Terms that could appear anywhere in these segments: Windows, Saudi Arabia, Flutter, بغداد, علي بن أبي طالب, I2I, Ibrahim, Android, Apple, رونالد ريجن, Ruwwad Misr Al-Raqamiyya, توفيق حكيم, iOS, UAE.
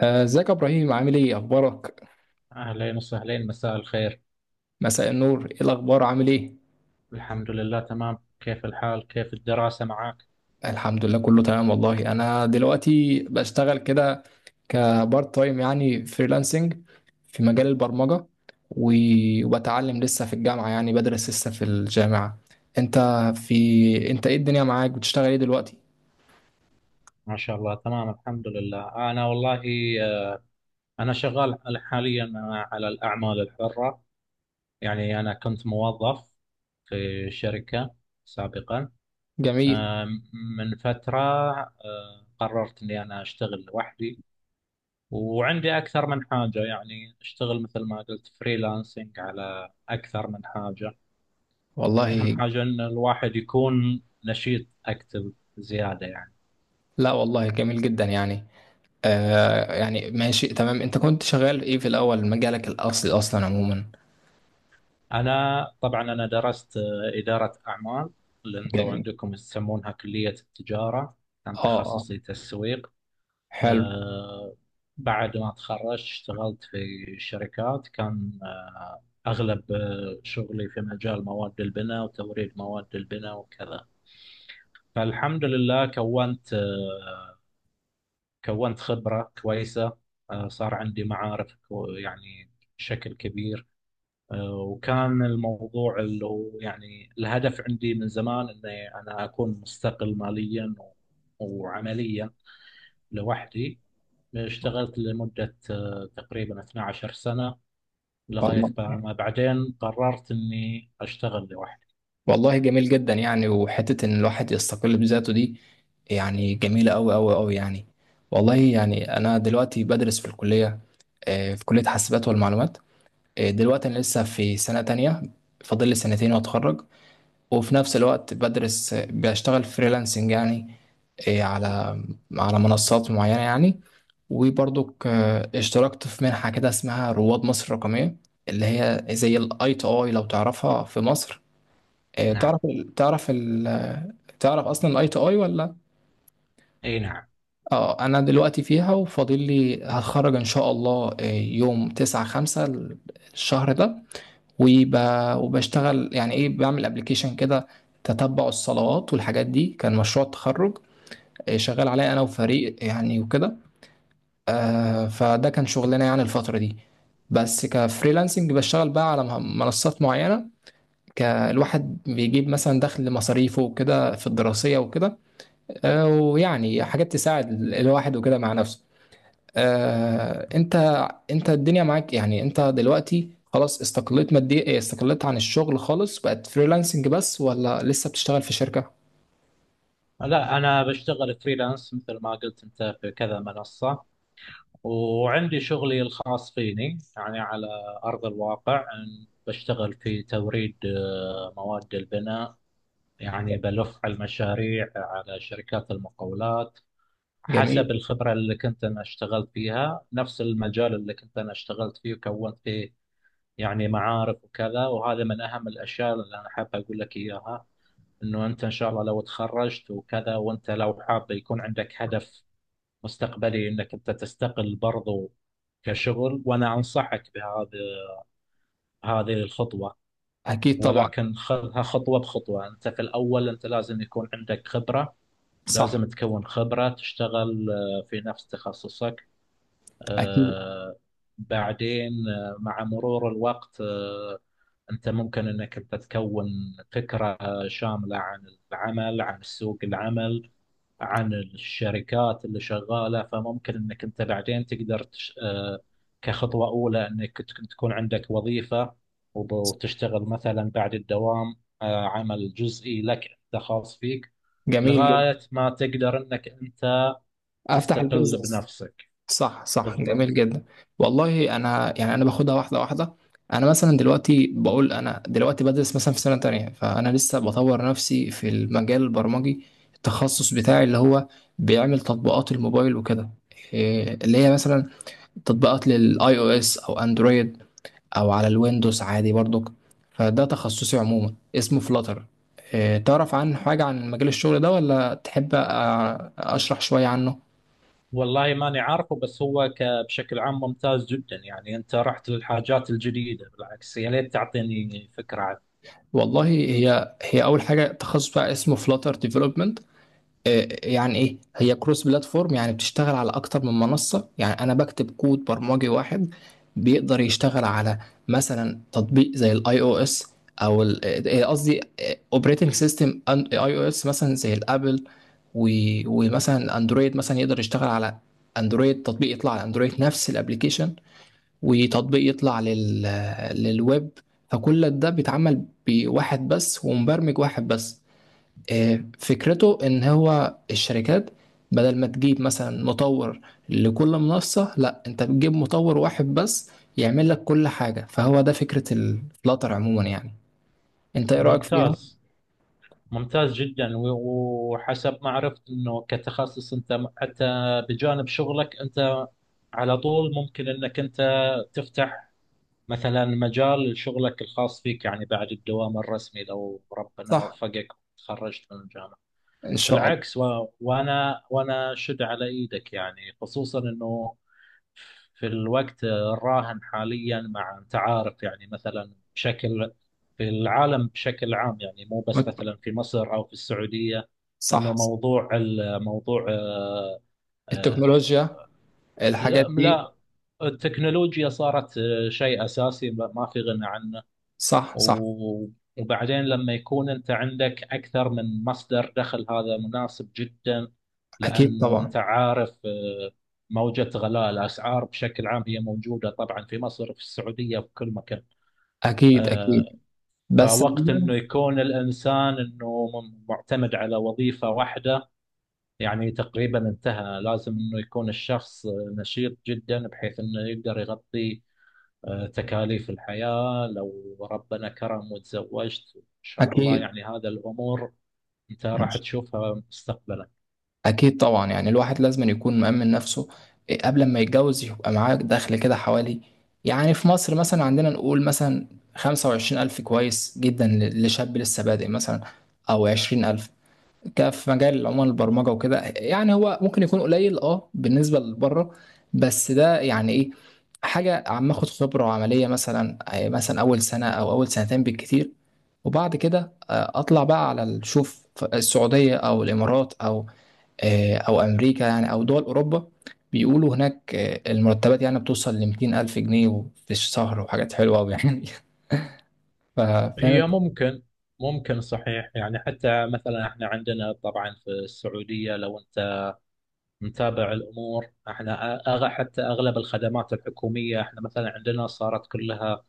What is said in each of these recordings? ازيك يا ابراهيم؟ عامل ايه اخبارك؟ أهلين وسهلين، مساء الخير. مساء النور. ايه الاخبار؟ عامل ايه؟ الحمد لله تمام. كيف الحال؟ كيف الدراسة معك؟ الحمد لله، كله تمام والله. انا دلوقتي بشتغل كده كبارت تايم، يعني فريلانسنج في مجال البرمجة. وبتعلم لسه في الجامعة، يعني بدرس لسه في الجامعة انت. انت ايه الدنيا معاك؟ بتشتغل ايه دلوقتي؟ ما شاء الله تمام الحمد لله. أنا والله، آه، أنا شغال حاليا على الأعمال الحرة. يعني أنا كنت موظف في شركة سابقا، جميل. آه، من فترة. قررت أني أنا أشتغل لوحدي، وعندي أكثر من حاجة، يعني أشتغل مثل ما قلت فريلانسنج على أكثر من حاجة. أهم والله. حاجة إن الواحد يكون نشيط أكتف زيادة يعني. لا والله، جميل جدا يعني. يعني ماشي تمام. انت كنت شغال ايه في الاول، مجالك الاصلي اصلا عموما؟ أنا طبعا أنا درست إدارة أعمال، اللي أنتوا جميل. عندكم يسمونها كلية التجارة. كان اه، اه. تخصصي تسويق. حلو. آه، بعد ما تخرجت اشتغلت في شركات، كان أغلب شغلي في مجال مواد البناء وتوريد مواد البناء وكذا. فالحمد لله كونت خبرة كويسة. صار عندي معارف يعني بشكل كبير. وكان الموضوع اللي هو يعني الهدف عندي من زمان، اني انا اكون مستقل ماليا وعمليا لوحدي. اشتغلت لمدة تقريبا 12 سنة، والله، لغاية ما بعدين قررت اني اشتغل لوحدي. والله جميل جدا يعني، وحتة إن الواحد يستقل بذاته دي يعني جميلة أوي أوي أوي يعني. والله يعني أنا دلوقتي بدرس في الكلية، في كلية حاسبات والمعلومات. دلوقتي أنا لسه في سنة تانية، فاضل لي سنتين وأتخرج. وفي نفس الوقت بدرس، بشتغل فريلانسنج يعني، آه، على على منصات معينة يعني. وبرضك اشتركت في منحة كده اسمها رواد مصر الرقمية، اللي هي زي الاي تو اي لو تعرفها في مصر. آه، نعم. تعرف ال- تعرف ال- تعرف اصلا الاي تو اي ولا؟ اي نعم. اه انا دلوقتي فيها، وفاضل لي هتخرج ان شاء الله يوم 9 5 الشهر ده. وب... وبشتغل يعني ايه، بعمل ابلكيشن كده تتبع الصلوات والحاجات دي. كان مشروع التخرج، شغال عليه انا وفريق يعني وكده. فده كان شغلنا يعني الفترة دي. بس كفريلانسنج بشتغل بقى على منصات معينة. الواحد بيجيب مثلا دخل مصاريفه وكده في الدراسية وكده، ويعني حاجات تساعد الواحد وكده مع نفسه. آه، انت انت الدنيا معاك، يعني انت دلوقتي خلاص استقلت ماديا، استقلت عن الشغل خالص، بقت فريلانسنج بس ولا لسه بتشتغل في شركة؟ لا، انا بشتغل فريلانس مثل ما قلت انت في كذا منصة، وعندي شغلي الخاص فيني يعني على أرض الواقع، أن بشتغل في توريد مواد البناء. يعني بلف على المشاريع، على شركات المقاولات، جميل. حسب الخبرة اللي كنت أنا اشتغلت فيها، نفس المجال اللي كنت أنا اشتغلت فيه وكونت فيه يعني معارف وكذا. وهذا من أهم الأشياء اللي أنا حاب أقول لك إياها، إنه أنت إن شاء الله لو تخرجت وكذا، وأنت لو حاب يكون عندك هدف مستقبلي انك انت تستقل برضو كشغل، وانا انصحك هذه الخطوه. اكيد طبعا. ولكن خذها خطوه بخطوه. انت في الاول انت لازم يكون عندك خبره، صح. لازم تكون خبره، تشتغل في نفس تخصصك. اكيد. آه، بعدين مع مرور الوقت انت ممكن انك انت تكون فكره شامله عن العمل، عن سوق العمل، عن الشركات اللي شغالة. فممكن انك انت بعدين تقدر تش... آه، كخطوة اولى انك تكون عندك وظيفة، وتشتغل مثلا بعد الدوام عمل جزئي لك انت خاص فيك، جميل جدا. لغاية ما تقدر انك انت افتح تستقل البيزنس. بنفسك. صح، صح. جميل بالضبط. جدا. والله انا يعني، انا باخدها واحده واحده. انا مثلا دلوقتي بقول، انا دلوقتي بدرس مثلا في سنه تانية، فانا لسه بطور نفسي في المجال البرمجي، التخصص بتاعي اللي هو بيعمل تطبيقات الموبايل وكده. إيه، اللي هي مثلا تطبيقات للاي او اس او اندرويد، او على الويندوز عادي برضك. فده تخصصي عموما اسمه فلاتر. إيه، تعرف عن حاجه عن مجال الشغل ده، ولا تحب اشرح شويه عنه؟ والله ماني عارفه، بس هو بشكل عام ممتاز جدا. يعني انت رحت للحاجات الجديدة، بالعكس، يا ليت تعطيني فكرة عنه. والله، هي اول حاجه تخصص بقى اسمه فلاتر ديفلوبمنت. يعني ايه، هي كروس بلاتفورم، يعني بتشتغل على اكتر من منصه. يعني انا بكتب كود برمجي واحد بيقدر يشتغل على مثلا تطبيق زي الاي او اس، او قصدي اوبريتنج سيستم اي او اس مثلا زي الابل. ومثلا اندرويد، مثلا يقدر يشتغل على اندرويد، تطبيق يطلع على اندرويد نفس الابلكيشن، وتطبيق يطلع للويب. فكل ده بيتعمل بواحد بس، ومبرمج واحد بس. فكرته ان هو الشركات بدل ما تجيب مثلا مطور لكل منصة، لا، انت بتجيب مطور واحد بس يعمل لك كل حاجة. فهو ده فكرة الفلاتر عموما يعني. انت ايه رأيك فيها؟ ممتاز، ممتاز جدا. وحسب ما عرفت انه كتخصص، انت حتى بجانب شغلك انت على طول ممكن انك انت تفتح مثلا مجال لشغلك الخاص فيك، يعني بعد الدوام الرسمي، لو ربنا صح. وفقك وتخرجت من الجامعة، ان شاء الله. بالعكس. وانا شد على ايدك، يعني خصوصا انه في الوقت الراهن حاليا، مع انت عارف، يعني مثلا بشكل، في العالم بشكل عام يعني، مو بس مت- مثلا في مصر او في السعوديه، صح. انه موضوع الموضوع آه، التكنولوجيا، الحاجات لا دي. لا، التكنولوجيا صارت شيء اساسي، ما في غنى عنه. صح، صح. و- وبعدين لما يكون أنت عندك أكثر من مصدر دخل، هذا مناسب جدا، اكيد لأنه أنت طبعا. عارف موجة غلاء الأسعار بشكل عام هي موجودة طبعا، في مصر، في السعودية، في كل مكان. اكيد، آه، اكيد. بس فوقت انه عموماً. يكون الانسان انه معتمد على وظيفه واحده يعني تقريبا انتهى. لازم انه يكون الشخص نشيط جدا، بحيث انه يقدر يغطي تكاليف الحياة. لو ربنا كرم وتزوجت إن شاء الله، اكيد. يعني هذا الأمور أنت راح تشوفها مستقبلا. أكيد طبعا يعني الواحد لازم يكون مأمن نفسه. إيه، قبل ما يتجوز يبقى معاه دخل كده حوالي، يعني في مصر مثلا عندنا، نقول مثلا 25 ألف كويس جدا لشاب لسه بادئ مثلا، أو 20 ألف. في مجال عموما البرمجة وكده. يعني هو ممكن يكون قليل بالنسبة لبره، بس ده يعني إيه، حاجة عم اخد خبرة عملية، مثلا أول سنة أو أول سنتين بالكتير. وبعد كده أطلع بقى على شوف السعودية أو الإمارات أو آه، او امريكا يعني، او دول اوروبا. بيقولوا هناك المرتبات يعني بتوصل ل 200 الف جنيه في الشهر، وحاجات حلوه قوي يعني. ف- فاهم. هي ممكن، ممكن صحيح يعني. حتى مثلا احنا عندنا طبعا في السعودية، لو انت متابع الامور، احنا حتى اغلب الخدمات الحكومية احنا مثلا عندنا صارت كلها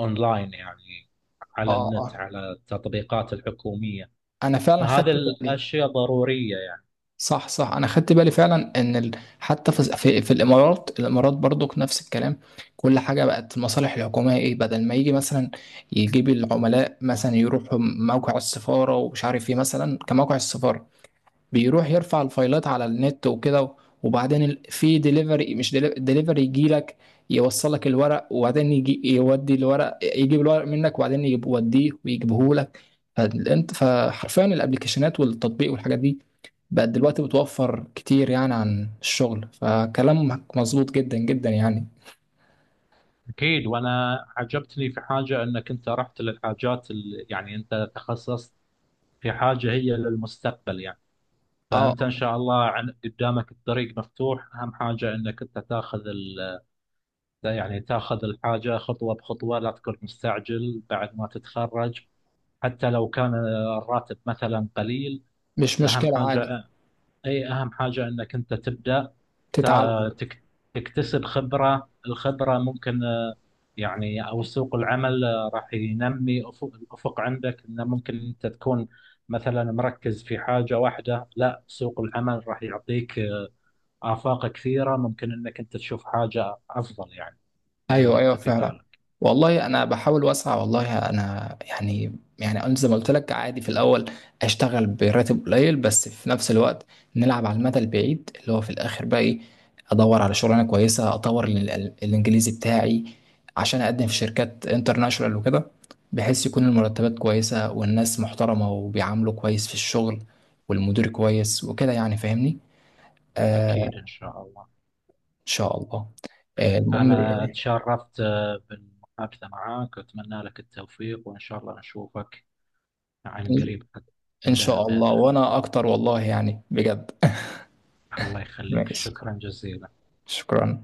اونلاين يعني، على اه، النت، اه، على التطبيقات الحكومية. انا فعلا فهذه خدت بالي. الاشياء ضرورية. صح، صح، انا خدت بالي فعلا ان حتى في الامارات، الامارات برضو نفس الكلام. كل حاجه بقت المصالح الحكوميه ايه، بدل ما يجي مثلا يجيب العملاء مثلا يروحوا موقع السفاره ومش عارف ايه مثلا، كموقع السفاره، بيروح يرفع الفايلات على النت وكده. وبعدين في ديليفري، مش ديليفري، يجي لك يوصل لك الورق، وبعدين يجي يودي الورق يجيب الورق منك، وبعدين يوديه ويجيبه لك. فحرفيا الابلكيشنات والتطبيق والحاجات دي بقت دلوقتي بتوفر كتير يعني عن الشغل. فكلامك مظبوط جدا جدا يعني. أكيد. وأنا عجبتني في حاجة، أنك أنت رحت يعني أنت تخصصت في حاجة هي للمستقبل يعني. اه، فأنت إن شاء الله قدامك الطريق مفتوح. أهم حاجة أنك أنت يعني تاخذ الحاجة خطوة بخطوة، لا تكون مستعجل بعد ما تتخرج. حتى لو كان الراتب مثلا قليل، مش أهم مشكلة عادي. حاجة، اي اهم حاجة انك انت تبدأ، تا- تتعلم. تك- تكتسب خبرة. الخبرة ممكن يعني او سوق العمل راح ينمي الافق عندك. انه ممكن انت تكون مثلا مركز في حاجة واحدة، لا سوق العمل راح يعطيك آفاق كثيرة، ممكن انك انت تشوف حاجة افضل يعني من اللي ايوه، ايوه انت في فعلا. بالك. والله انا بحاول واسعى. والله انا يعني انا زي ما قلت لك، عادي في الاول اشتغل براتب قليل، بس في نفس الوقت نلعب على المدى البعيد اللي هو في الاخر بقى ايه، ادور على شغلانه كويسه، اطور الانجليزي بتاعي عشان اقدم في شركات انترناشونال وكده، بحيث يكون المرتبات كويسه والناس محترمه وبيعاملوا كويس في الشغل، والمدير كويس وكده يعني. فاهمني؟ آه، ان اكيد ان شاء الله. شاء الله. المهم انا إيه؟ تشرفت بالمحادثة معك، واتمنى لك التوفيق، وان شاء الله نشوفك عن قريب إن عندنا شاء الله، بإذن الله. وأنا أكتر والله يعني، بجد. الله يخليك، ماشي. شكرا جزيلا. شكرا.